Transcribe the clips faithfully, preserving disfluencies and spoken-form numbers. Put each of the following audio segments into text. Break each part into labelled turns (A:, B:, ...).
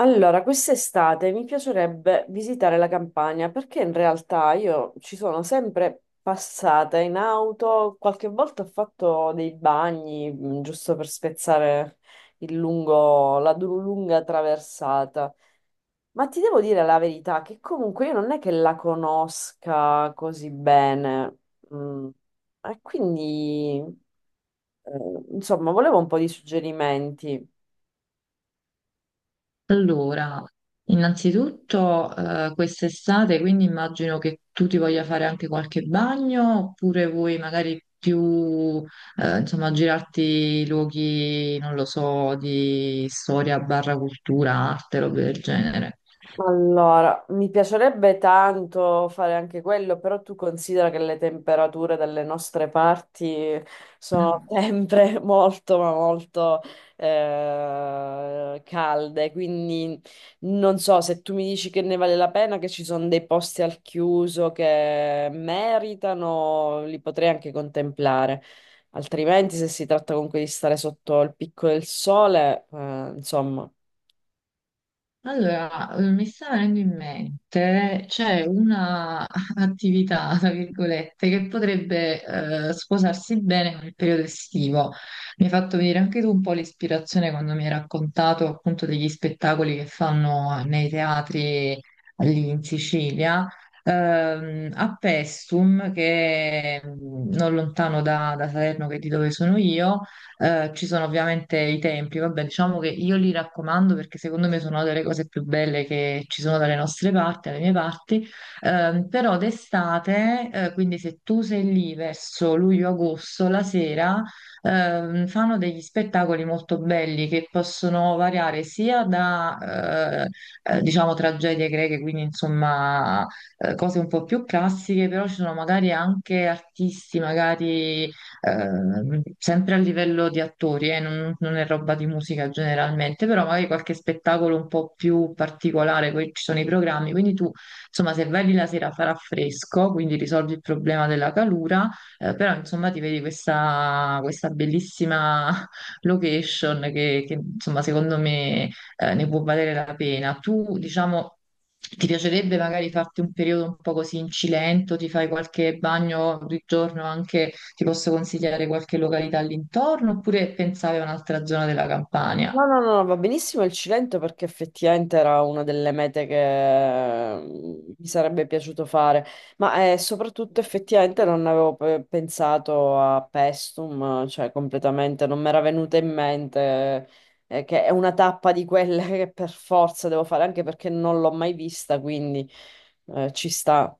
A: Allora, quest'estate mi piacerebbe visitare la Campania perché in realtà io ci sono sempre passata in auto, qualche volta ho fatto dei bagni mh, giusto per spezzare il lungo, la du- lunga traversata. Ma ti devo dire la verità che comunque io non è che la conosca così bene. Mm, E quindi, eh, insomma, volevo un po' di suggerimenti.
B: Allora, innanzitutto eh, quest'estate, quindi immagino che tu ti voglia fare anche qualche bagno, oppure vuoi magari più, eh, insomma, girarti luoghi, non lo so, di storia barra cultura, arte, robe del genere.
A: Allora, mi piacerebbe tanto fare anche quello, però tu considera che le temperature dalle nostre parti sono sempre molto, ma molto eh, calde, quindi non so se tu mi dici che ne vale la pena, che ci sono dei posti al chiuso che meritano, li potrei anche contemplare. Altrimenti, se si tratta comunque di stare sotto il picco del sole, eh, insomma.
B: Allora, eh, mi sta venendo in mente, c'è una attività, tra virgolette, che potrebbe eh, sposarsi bene con il periodo estivo. Mi hai fatto venire anche tu un po' l'ispirazione quando mi hai raccontato appunto degli spettacoli che fanno nei teatri lì in Sicilia, ehm, a Pestum, che è mm, non lontano da, da Salerno, che è di dove sono io. Eh, ci sono ovviamente i templi, vabbè, diciamo che io li raccomando perché secondo me sono delle cose più belle che ci sono dalle nostre parti, dalle mie parti. Ehm, però d'estate, eh, quindi se tu sei lì verso luglio-agosto, la sera, ehm, fanno degli spettacoli molto belli che possono variare sia da, eh, eh, diciamo, tragedie greche, quindi insomma, eh, cose un po' più classiche, però ci sono magari anche artisti, magari eh, sempre a livello di attori, eh, non, non è roba di musica generalmente, però magari qualche spettacolo un po' più particolare, poi ci sono i programmi, quindi tu, insomma, se vai lì la sera farà fresco, quindi risolvi il problema della calura, eh, però insomma ti vedi questa, questa bellissima location che, che, insomma, secondo me, eh, ne può valere la pena. Tu, diciamo... Ti piacerebbe magari farti un periodo un po' così in Cilento, ti fai qualche bagno di giorno anche? Ti posso consigliare qualche località all'intorno, oppure pensavi a un'altra zona della Campania?
A: No, no, no, va benissimo il Cilento perché effettivamente era una delle mete che mm, mi sarebbe piaciuto fare, ma eh, soprattutto effettivamente non avevo pe- pensato a Pestum, cioè completamente non mi era venuta in mente, eh, che è una tappa di quelle che per forza devo fare, anche perché non l'ho mai vista, quindi eh, ci sta.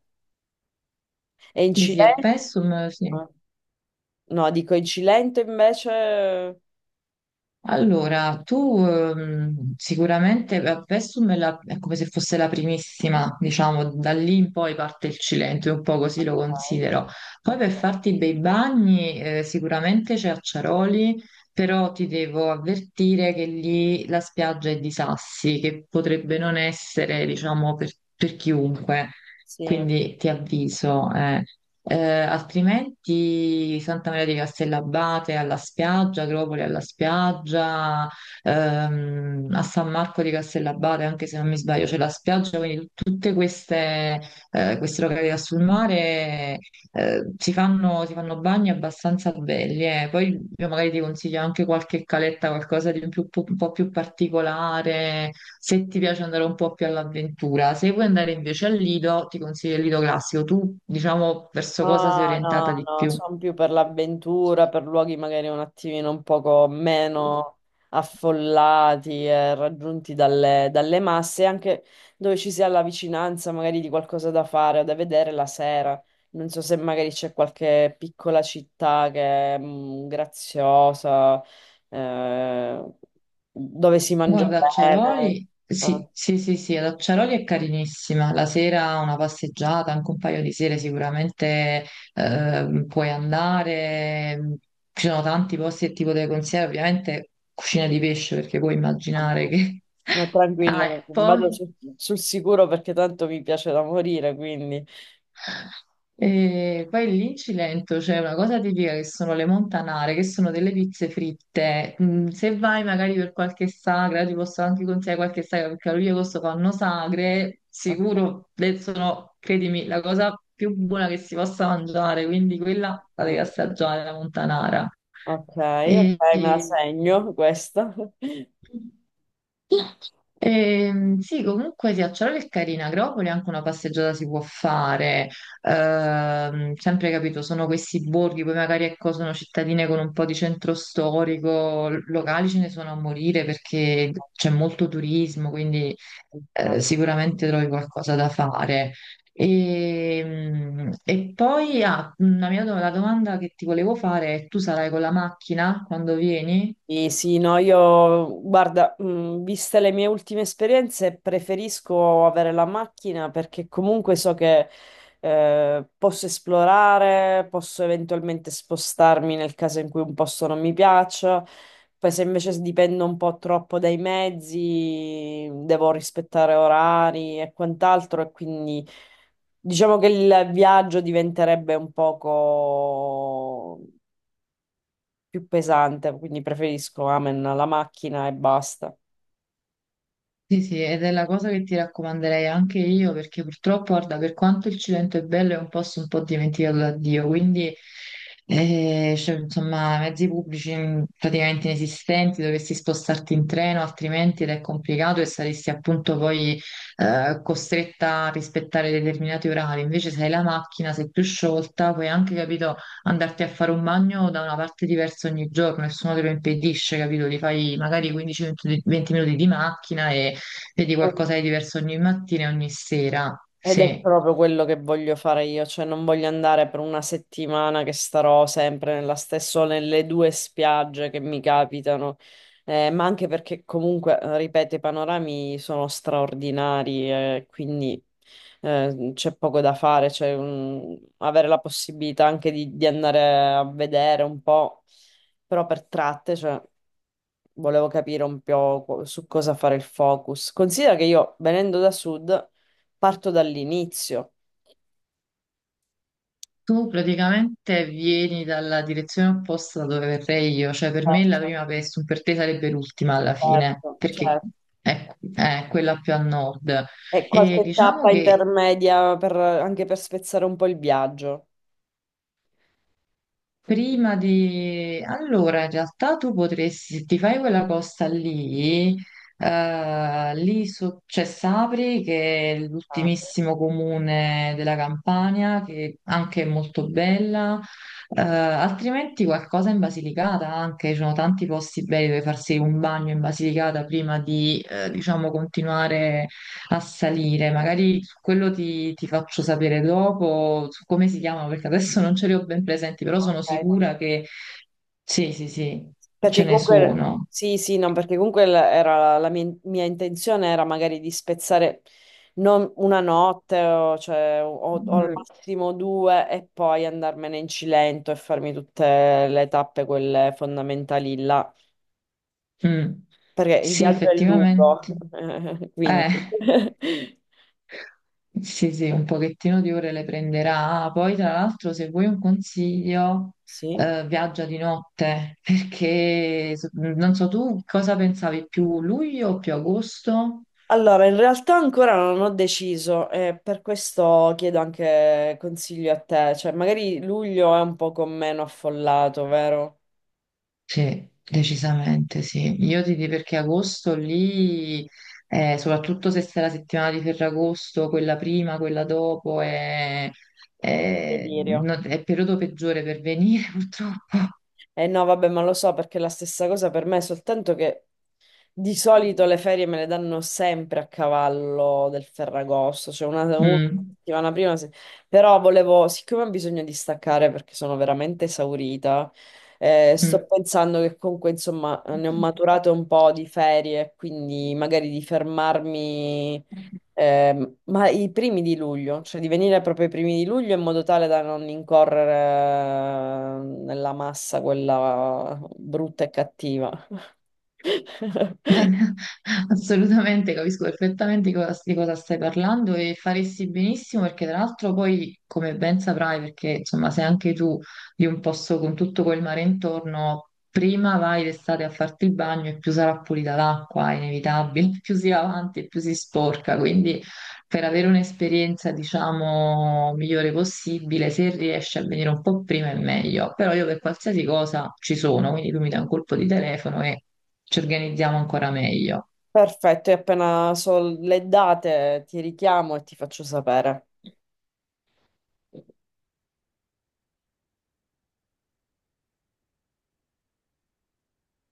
A: E in
B: Sì, sì, a
A: Cilento?
B: Pessum, sì.
A: No, dico in Cilento invece...
B: Allora, tu ehm, sicuramente beh, Pessum è, la- è come se fosse la primissima, diciamo. Da lì in poi parte il Cilento, io un po' così lo
A: Ok,
B: considero. Poi
A: ok.
B: per farti i bei bagni eh, sicuramente c'è Acciaroli, però ti devo avvertire che lì la spiaggia è di sassi, che potrebbe non essere, diciamo, per, per chiunque,
A: Sì.
B: quindi ti avviso. eh. Eh, altrimenti Santa Maria di Castellabate alla spiaggia, Agropoli alla spiaggia, ehm, a San Marco di Castellabate, anche se non mi sbaglio, c'è la spiaggia, quindi tut- tutte queste, eh, queste località sul mare eh, si fanno, si fanno bagni abbastanza belli, eh. Poi io magari ti consiglio anche qualche caletta, qualcosa di un, più- un po' più particolare, se ti piace andare un po' più all'avventura. Se vuoi andare invece al Lido, ti consiglio il Lido classico. Tu, diciamo, verso
A: No,
B: cosa sei
A: no,
B: orientata di
A: no,
B: più?
A: sono più per l'avventura, per luoghi magari un attimino un poco meno affollati e raggiunti dalle, dalle masse, anche dove ci sia la vicinanza magari di qualcosa da fare o da vedere la sera. Non so se magari c'è qualche piccola città che è mm, graziosa, eh, dove si mangia
B: Guarda,
A: bene.
B: Acciaroli,
A: Eh.
B: sì, sì, sì, sì, ad Acciaroli è carinissima. La sera una passeggiata, anche un paio di sere sicuramente eh, puoi andare. Ci sono tanti posti che ti potrei consigliare, ovviamente cucina di pesce, perché puoi immaginare
A: Ammazza.
B: che...
A: Ma
B: Ah, e
A: tranquillo, vado
B: poi?
A: sul, sul sicuro perché tanto mi piace da morire, quindi...
B: E poi lì in Cilento c'è una cosa tipica che sono le montanare, che sono delle pizze fritte. Mm. Se vai magari per qualche sagra, ti posso anche consigliare qualche sagra, perché a luglio e agosto fanno sagre, sicuro le sono, credimi, la cosa più buona che si possa mangiare, quindi quella la devi
A: Ok,
B: assaggiare, la montanara.
A: ok, ok,
B: E,
A: me la
B: e-
A: segno questa.
B: Ehm, sì, comunque sì, a Ciaroli è carina, Agropoli anche una passeggiata si può fare. Ehm, sempre capito, sono questi borghi, poi magari ecco, sono cittadine con un po' di centro storico, l- locali ce ne sono a morire perché c'è molto turismo, quindi
A: Ok.
B: eh, sicuramente trovi qualcosa da fare. E, e poi ah, una mia do- la domanda che ti volevo fare è: tu sarai con la macchina quando vieni?
A: Sì, sì, no, io guarda, mh, viste le mie ultime esperienze, preferisco avere la macchina perché comunque so che, eh, posso esplorare, posso eventualmente spostarmi nel caso in cui un posto non mi piaccia. Poi se invece dipendo un po' troppo dai mezzi, devo rispettare orari e quant'altro, e quindi diciamo che il viaggio diventerebbe un poco più pesante, quindi preferisco amen alla macchina e basta.
B: Sì, sì, ed è la cosa che ti raccomanderei anche io, perché purtroppo, guarda, per quanto il Cilento è bello, è un posto un po' dimenticato da Dio, quindi, eh, cioè, insomma, mezzi pubblici mh, praticamente inesistenti, dovresti spostarti in treno, altrimenti ed è complicato e saresti appunto poi eh, costretta a rispettare determinati orari. Invece, se hai la macchina, sei più sciolta, puoi anche, capito, andarti a fare un bagno da una parte diversa ogni giorno, nessuno te lo impedisce, capito? Ti fai magari quindici venti minuti di macchina e vedi qualcosa
A: Eh,
B: di diverso ogni mattina e ogni sera.
A: Ed è
B: Sì.
A: proprio quello che voglio fare io, cioè non voglio andare per una settimana che starò sempre nella stessa, o nelle due spiagge che mi capitano, eh, ma anche perché comunque, eh, ripeto, i panorami sono straordinari, eh, quindi eh, c'è poco da fare, cioè, mm, avere la possibilità anche di, di andare a vedere un po', però per tratte, cioè, volevo capire un po' co- su cosa fare il focus. Considera che io, venendo da sud, parto dall'inizio.
B: Tu praticamente vieni dalla direzione opposta da dove verrei io, cioè per me la
A: Certo,
B: prima Pestum per te sarebbe l'ultima alla fine,
A: certo,
B: perché
A: certo.
B: è, è quella più a nord.
A: E
B: E
A: qualche
B: diciamo
A: tappa
B: che
A: intermedia per- anche per spezzare un po' il viaggio.
B: prima di... Allora, in realtà tu potresti, se ti fai quella costa lì, eh, lì so- c'è Sapri, che è
A: Ah,
B: l'ultimissimo comune della Campania, che anche è molto bella, eh, altrimenti qualcosa in Basilicata anche, ci sono tanti posti belli dove farsi un bagno in Basilicata prima di, eh, diciamo, continuare a salire. Magari su quello ti, ti faccio sapere dopo su come si chiamano, perché adesso non ce li ho ben presenti, però sono
A: ok, no.
B: sicura che sì, sì, sì,
A: Perché
B: ce ne
A: comunque,
B: sono.
A: sì, sì, no, perché comunque l- era la mia, mia intenzione era magari di spezzare non una notte o, cioè, o- o al
B: Mm.
A: massimo due e poi andarmene in Cilento e farmi tutte le tappe, quelle fondamentali là,
B: Mm.
A: perché il
B: Sì,
A: viaggio è lungo,
B: effettivamente.
A: quindi.
B: Eh, sì, sì, un pochettino di ore le prenderà. Ah, poi, tra l'altro, se vuoi un consiglio,
A: Sì.
B: eh, viaggia di notte, perché so- non so tu cosa pensavi, più luglio o più agosto?
A: Allora, in realtà ancora non ho deciso e per questo chiedo anche consiglio a te, cioè magari luglio è un po' meno affollato, vero?
B: Sì, decisamente sì. Io ti dico perché agosto lì, eh, soprattutto se sei la settimana di Ferragosto, quella prima, quella dopo, è, è-
A: Delirio.
B: no- è il periodo peggiore per venire purtroppo.
A: Eh no, vabbè, ma lo so perché è la stessa cosa per me, soltanto che di solito le ferie me le danno sempre a cavallo del Ferragosto, cioè una, una
B: Mm,
A: settimana prima. se- Però volevo, siccome ho bisogno di staccare perché sono veramente esaurita, eh, sto pensando che comunque, insomma, ne ho
B: mm.
A: maturate un po' di ferie, quindi magari di fermarmi. Ehm, ma i primi di luglio, cioè di venire proprio ai primi di luglio in modo tale da non incorrere nella massa quella brutta e cattiva.
B: Assolutamente, capisco perfettamente di cosa, di cosa stai parlando, e faresti benissimo perché tra l'altro poi, come ben saprai, perché insomma sei anche tu di un posto con tutto quel mare intorno, prima vai d'estate a farti il bagno e più sarà pulita l'acqua, è inevitabile, più si va avanti e più si sporca, quindi per avere un'esperienza, diciamo, migliore possibile, se riesci a venire un po' prima è meglio. Però io per qualsiasi cosa ci sono, quindi tu mi dai un colpo di telefono e ci organizziamo ancora meglio.
A: Perfetto, e appena so le date ti richiamo e ti faccio sapere.